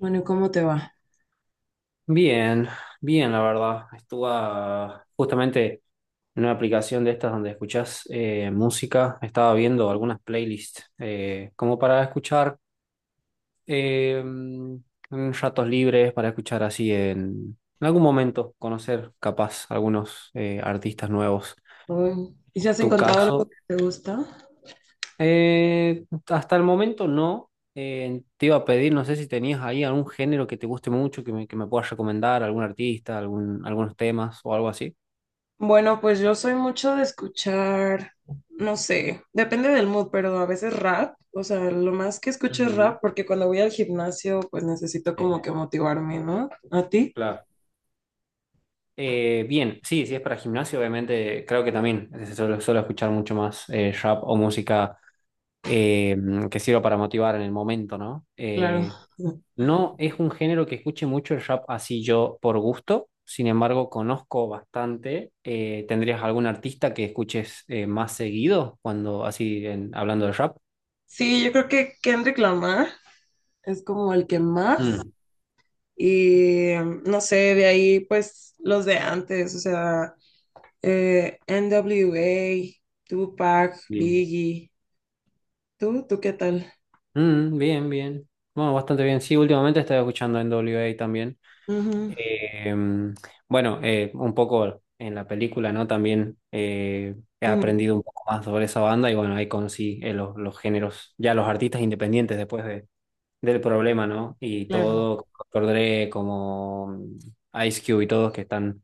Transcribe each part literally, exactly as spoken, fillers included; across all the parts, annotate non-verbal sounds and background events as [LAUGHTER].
Bueno, ¿y cómo te va? Bien, bien, la verdad. Estuve ah, justamente en una aplicación de estas donde escuchás eh, música. Estaba viendo algunas playlists eh, como para escuchar eh, mm, en ratos libres, para escuchar así en, en algún momento, conocer capaz algunos eh, artistas nuevos. Uy, ¿y si has Tu encontrado algo caso, que te gusta? eh, hasta el momento no. Eh, te iba a pedir, no sé si tenías ahí algún género que te guste mucho, que me, que me puedas recomendar, algún artista, algún, algunos temas o algo así. Bueno, pues yo soy mucho de escuchar, no sé, depende del mood, pero a veces rap, o sea, lo más que escucho es Ujú. rap porque cuando voy al gimnasio, pues necesito Sí. como que motivarme, ¿no? ¿A ti? Claro. Eh, bien, sí, si es para gimnasio, obviamente creo que también eh, suelo, suelo escuchar mucho más eh, rap o música eh, que sirva para motivar en el momento, ¿no? Claro. Eh, no es un género que escuche mucho el rap así yo por gusto, sin embargo conozco bastante. Eh, ¿tendrías algún artista que escuches eh, más seguido cuando así en- hablando de rap? Sí, yo creo que Kendrick Lamar es como el que más Mm, y mm, no sé, de ahí pues los de antes, o sea, eh, N W A, Tupac, bien. Biggie. ¿Tú? ¿Tú qué tal? Mm, bien, bien. Bueno, bastante bien. Sí, últimamente estaba escuchando en W A también. Ujú, Eh, bueno, eh, un poco en la película, ¿no? También eh, he ujú, aprendido un poco más sobre esa banda y bueno, ahí conocí eh, los, los géneros, ya los artistas independientes después de, del problema, ¿no? Y claro. todo, como doctor Dre, como mm, Ice Cube y todos que están,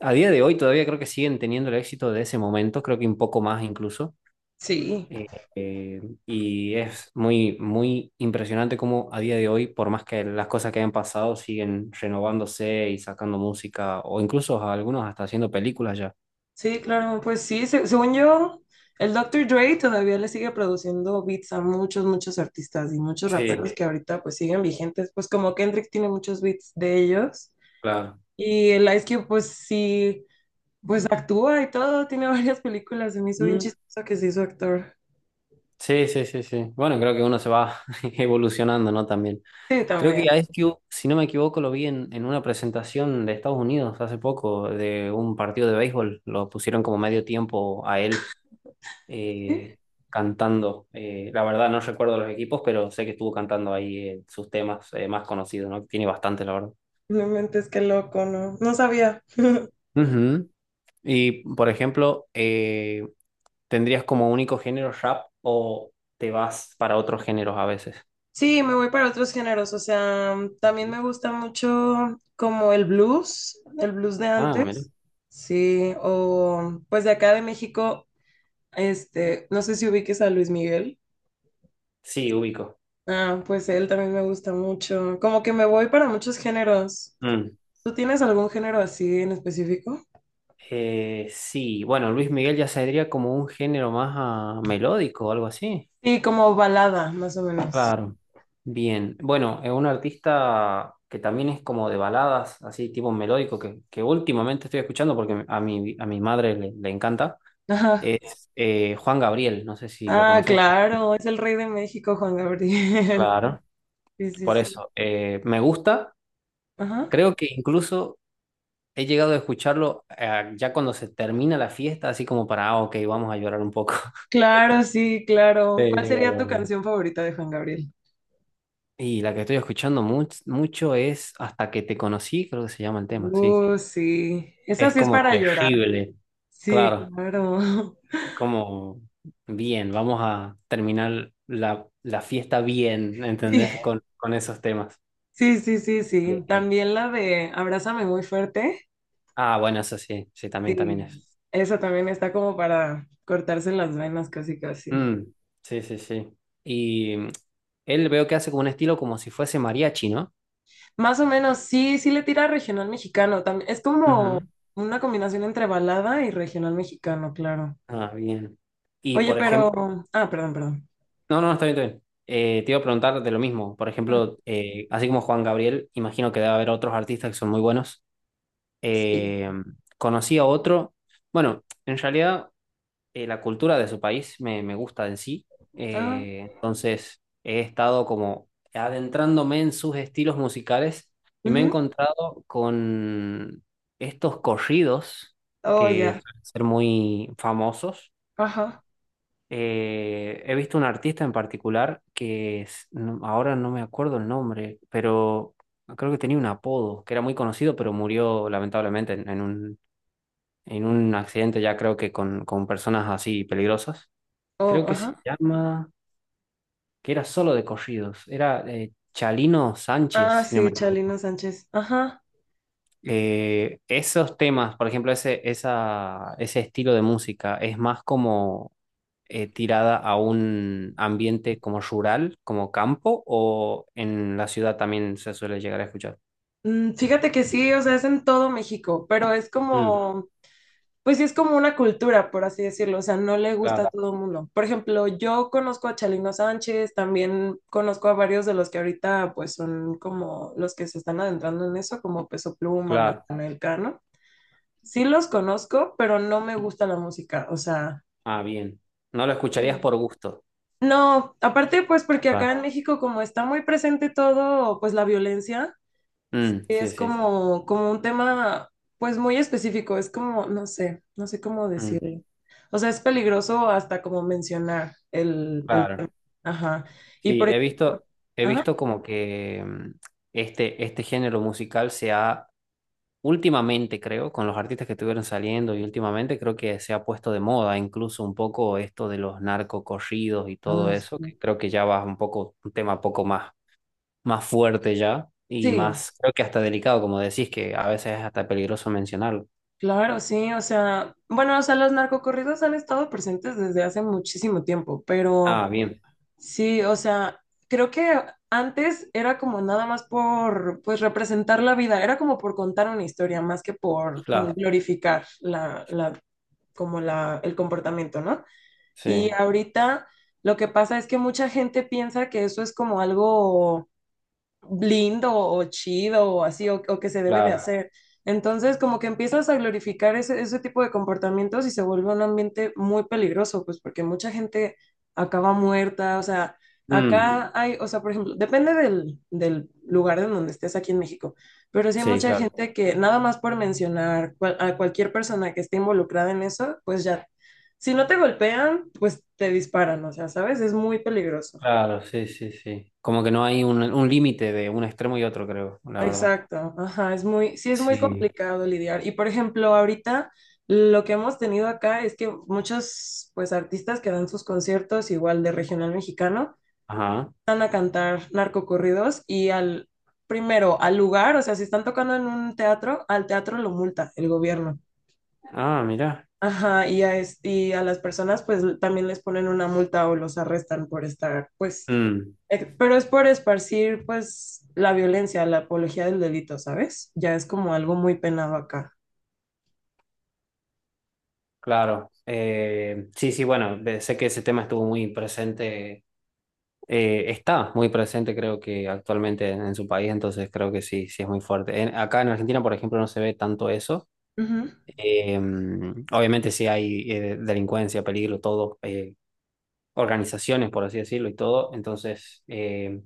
a día de hoy todavía creo que siguen teniendo el éxito de ese momento, creo que un poco más incluso. Sí, Eh, eh, y es muy, muy impresionante cómo a día de hoy, por más que las cosas que hayan pasado, siguen renovándose y sacando música, o incluso algunos hasta haciendo películas ya. sí, claro. Pues sí, se- según yo, el doctor Dre todavía le sigue produciendo beats a muchos, muchos artistas y muchos raperos Sí, que ahorita pues siguen vigentes. Pues como Kendrick tiene muchos beats de ellos. claro. Y el Ice Cube pues sí, pues actúa y todo, tiene [LAUGHS] varias películas. Se me hizo bien Mm, chistoso que se hizo actor. sí, sí, sí, sí. Bueno, creo que uno se va [LAUGHS] evolucionando, ¿no? También. Sí, Creo que también. a Ice Cube, si no me equivoco, lo vi en, en una presentación de Estados Unidos hace poco, de un partido de béisbol. Lo pusieron como medio tiempo a él Sí, eh, cantando. Eh, la verdad no recuerdo los equipos, pero sé que estuvo cantando ahí eh, sus temas eh, más conocidos, ¿no? Tiene bastante, la verdad. realmente es que loco, ¿no? No sabía. [LAUGHS] Ujú. Y, por ejemplo, eh, ¿tendrías como único género rap o te vas para otros géneros a veces? Sí, me voy para otros géneros, o sea, también me gusta mucho como el blues, el blues de Ah, mira. antes, sí, o pues de acá de México, este, no sé si ubiques a Luis Miguel, Sí, ubico. ah, pues él también me gusta mucho, como que me voy para muchos géneros. Mm. ¿Tú tienes algún género así en específico? Eh, sí, bueno, Luis Miguel ya sería como un género más ah, melódico o algo así. Sí, como balada, más o menos. Claro. Bien. Bueno, es un artista que también es como de baladas, así tipo melódico, que, que últimamente estoy escuchando porque a mi, a mi madre le, le encanta. Ajá. Es eh, Juan Gabriel, no sé si lo Ah, conocéis. claro, es el rey de México, Juan Gabriel. [LAUGHS] Claro, Sí, sí, por sí. eso. Eh, me gusta. Ajá. Creo que incluso he llegado a escucharlo eh, ya cuando se termina la fiesta, así como para, ah, ok, vamos a llorar un poco. [LAUGHS] Claro, sí, claro. ¿Cuál sería tu Pero... canción favorita de Juan Gabriel? Y la que estoy escuchando much- mucho es Hasta que te conocí, creo que se llama el tema, sí. Uh, sí. Esa Es sí es como para llorar. terrible. Sí, Claro, claro. [LAUGHS] como bien, vamos a terminar la, la fiesta bien, Sí, ¿entendés? Con, con esos temas. sí, sí, sí, sí. Eh, También la de Abrázame muy fuerte. ah, bueno, eso sí, sí, también, también Sí. es. Esa también está como para cortarse las venas, casi, casi. Mm, sí, sí, sí. Y mm, él veo que hace como un estilo como si fuese mariachi, ¿no? Más o menos, sí, sí le tira a regional mexicano. También es Ujú. como una combinación entre balada y regional mexicano, claro. Ah, bien. Y Oye, por ejemplo, pero. Ah, perdón, perdón. no, no, está bien, está bien. Eh, te iba a preguntar de lo mismo. Por Ah, ejemplo, eh, así como Juan Gabriel, imagino que debe haber otros artistas que son muy buenos. sí. Eh, Conocí a otro, bueno, en realidad eh, la cultura de su país me, me gusta en sí. Ah, Eh, entonces he estado como adentrándome en sus estilos musicales y me he ujú. encontrado con estos corridos Oh, que ya. suelen ser muy famosos. Ajá. Eh, he visto un artista en particular que es- no- ahora no me acuerdo el nombre, pero creo que tenía un apodo que era muy conocido, pero murió lamentablemente en, en un en un accidente ya creo que con, con personas así peligrosas. Oh, Creo que se ajá. llama, que era solo de corridos, era eh, Chalino Sánchez, Ah, si no me sí, equivoco. Chalino Sánchez. Ajá. Eh, esos temas, por ejemplo, ese, esa, ese estilo de música es más como eh, tirada a un ambiente como rural, como campo, o en la ciudad también se suele llegar a escuchar. Mm, fíjate que sí, o sea, es en todo México, pero es Mm, como, pues sí, es como una cultura, por así decirlo. O sea, no le gusta a claro, todo el mundo. Por ejemplo, yo conozco a Chalino Sánchez, también conozco a varios de los que ahorita, pues son como los que se están adentrando en eso, como Peso Pluma, claro. Natanael Cano. Sí los conozco, pero no me gusta la música. O sea, Ah, bien. No lo escucharías por gusto. no, aparte pues porque acá Va. en México como está muy presente todo, pues la violencia Mm, sí, es sí. como, como un tema pues muy específico, es como, no sé, no sé cómo Mm, decirlo. O sea, es peligroso hasta como mencionar el, el claro. tema. Ajá. Y Sí, por he ej- visto, he ajá. visto como que mm, este, este género musical se ha, últimamente creo, con los artistas que estuvieron saliendo y últimamente creo que se ha puesto de moda incluso un poco esto de los narcocorridos y todo Ay, eso, que sí. creo que ya va un poco, un tema poco más, más fuerte ya y Sí, más, creo que hasta delicado, como decís, que a veces es hasta peligroso mencionarlo. claro, sí, o sea, bueno, o sea, los narcocorridos han estado presentes desde hace muchísimo tiempo, pero... Ah, bien, Sí, o sea, creo que antes era como nada más por, pues, representar la vida, era como por contar una historia, más que por mm, claro, glorificar la, la, como la, el comportamiento, ¿no? Y sí, ahorita lo que pasa es que mucha gente piensa que eso es como algo lindo o chido o así, o, o que se debe de claro. hacer. Entonces, como que empiezas a glorificar ese, ese tipo de comportamientos y se vuelve un ambiente muy peligroso, pues porque mucha gente acaba muerta, o sea, Mm, acá hay, o sea, por ejemplo, depende del, del lugar en donde estés aquí en México, pero sí hay sí, mucha sí, claro. gente que nada más por mencionar cual- a cualquier persona que esté involucrada en eso, pues ya, si no te golpean, pues te disparan, o sea, ¿sabes? Es muy peligroso. Claro, sí, sí, sí. Como que no hay un, un límite de un extremo y otro, creo, la verdad. Exacto, ajá, es muy, sí es muy Sí. complicado lidiar. Y por ejemplo, ahorita lo que hemos tenido acá es que muchos pues artistas que dan sus conciertos igual de regional mexicano Ajá. van a cantar narcocorridos y al primero al lugar, o sea, si están tocando en un teatro, al teatro lo multa el gobierno. Ah, mira. Ajá, y a, es- y a las personas pues también les ponen una multa o los arrestan por estar, pues, Mm, eh, pero es por esparcir pues la violencia, la apología del delito, ¿sabes? Ya es como algo muy penado acá. claro. Eh, sí, sí, bueno, de- sé que ese tema estuvo muy presente, eh, está muy presente, creo que actualmente en, en su país, entonces creo que sí, sí es muy fuerte. En- acá en Argentina, por ejemplo, no se ve tanto eso. Ujú. Eh, Obviamente sí hay eh, delincuencia, peligro, todo, eh, organizaciones, por así decirlo, y todo. Entonces... eh,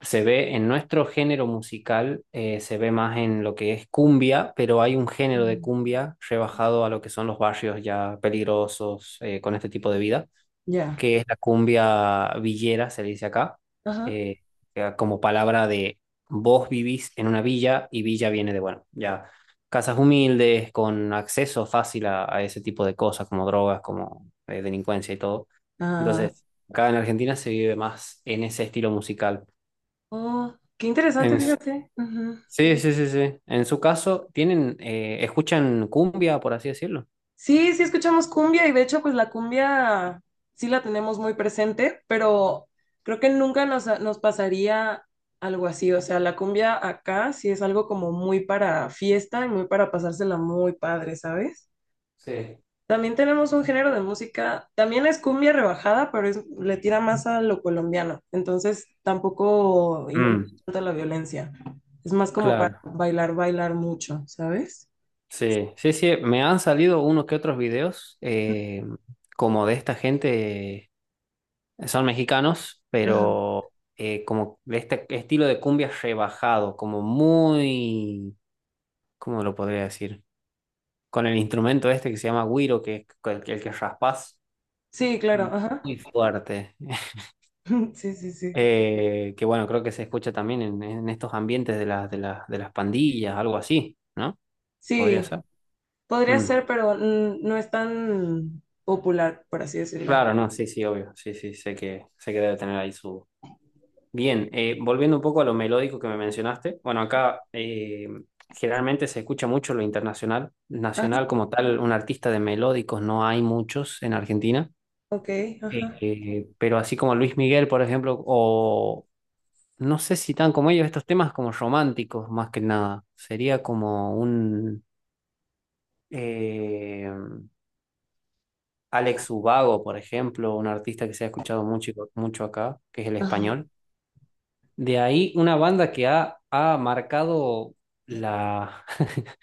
se ve en nuestro género musical, eh, se ve más en lo que es cumbia, pero hay un género de Mm. cumbia rebajado a lo que son los barrios ya peligrosos eh, con este tipo de vida, Ya, que es la cumbia villera, se le dice acá, ajá. eh, que como palabra de vos vivís en una villa y villa viene de, bueno, ya casas humildes, con acceso fácil a, a ese tipo de cosas, como drogas, como eh, delincuencia y todo. Ah, Entonces, acá en Argentina se vive más en ese estilo musical. oh, qué interesante, En fíjate. Ujú. sí, sí, sí, sí. En su caso, tienen, eh, escuchan cumbia, por así decirlo. Sí, sí escuchamos cumbia y de hecho, pues la cumbia sí la tenemos muy presente, pero creo que nunca nos, nos pasaría algo así. O sea, la cumbia acá sí es algo como muy para fiesta y muy para pasársela muy padre, ¿sabes? Sí. También tenemos un género de música, también es cumbia rebajada, pero es- le tira más a lo colombiano. Entonces tampoco incluye Mm, tanto la violencia. Es más como para claro. bailar, bailar mucho, ¿sabes? Sí, sí, sí. Me han salido unos que otros videos, eh, como de esta gente, eh, son mexicanos, pero eh, como de este estilo de cumbia rebajado, como muy, ¿cómo lo podría decir? Con el instrumento este que se llama güiro, que es el, el que raspás, Sí, claro, ajá. muy fuerte. [LAUGHS] [LAUGHS] Sí, sí, sí. Eh, que bueno, creo que se escucha también en, en estos ambientes de las, de las, de las pandillas, algo así, ¿no? Podría Sí, ser. podría Mm. ser, pero mm, no es tan popular, por así decirlo. Claro, no, sí, sí, obvio. Sí, sí, sé que, sé que debe tener ahí su. Bien, eh, volviendo un poco a lo melódico que me mencionaste. Bueno, acá eh, generalmente se escucha mucho lo internacional. Ajá, Nacional como tal, un artista de melódicos no hay muchos en Argentina. ok, Eh, ajá. eh, pero así como Luis Miguel, por ejemplo, o, no sé si tan como ellos, estos temas como románticos, más que nada. Sería como un eh, Alex Ubago, por ejemplo, un artista que se ha escuchado mucho, mucho acá, que es el Ajá. español. De ahí una banda que ha, ha marcado la, [LAUGHS]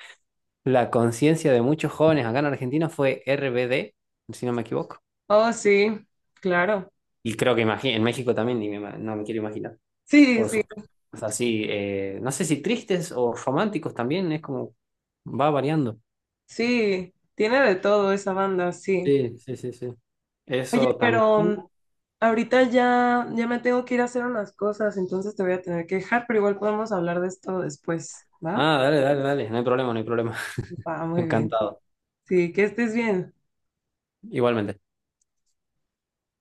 la conciencia de muchos jóvenes acá en Argentina fue R B D, si no me equivoco. Oh, sí, claro. Y creo que imagi- en México también, ni me ima- no me quiero imaginar, Sí, por sí, sus temas así, eh, no sé si tristes o románticos también, es como va variando. sí. Tiene de todo esa banda, sí. Sí, sí, sí, sí. Oye, Eso pero también. mm, ahorita ya, ya me tengo que ir a hacer unas cosas, entonces te voy a tener que dejar, pero igual podemos hablar de esto después, ¿va? Ah, dale, dale, dale. No hay problema, no hay problema. [LAUGHS] Va, muy bien. Encantado. Sí, que estés bien. Igualmente.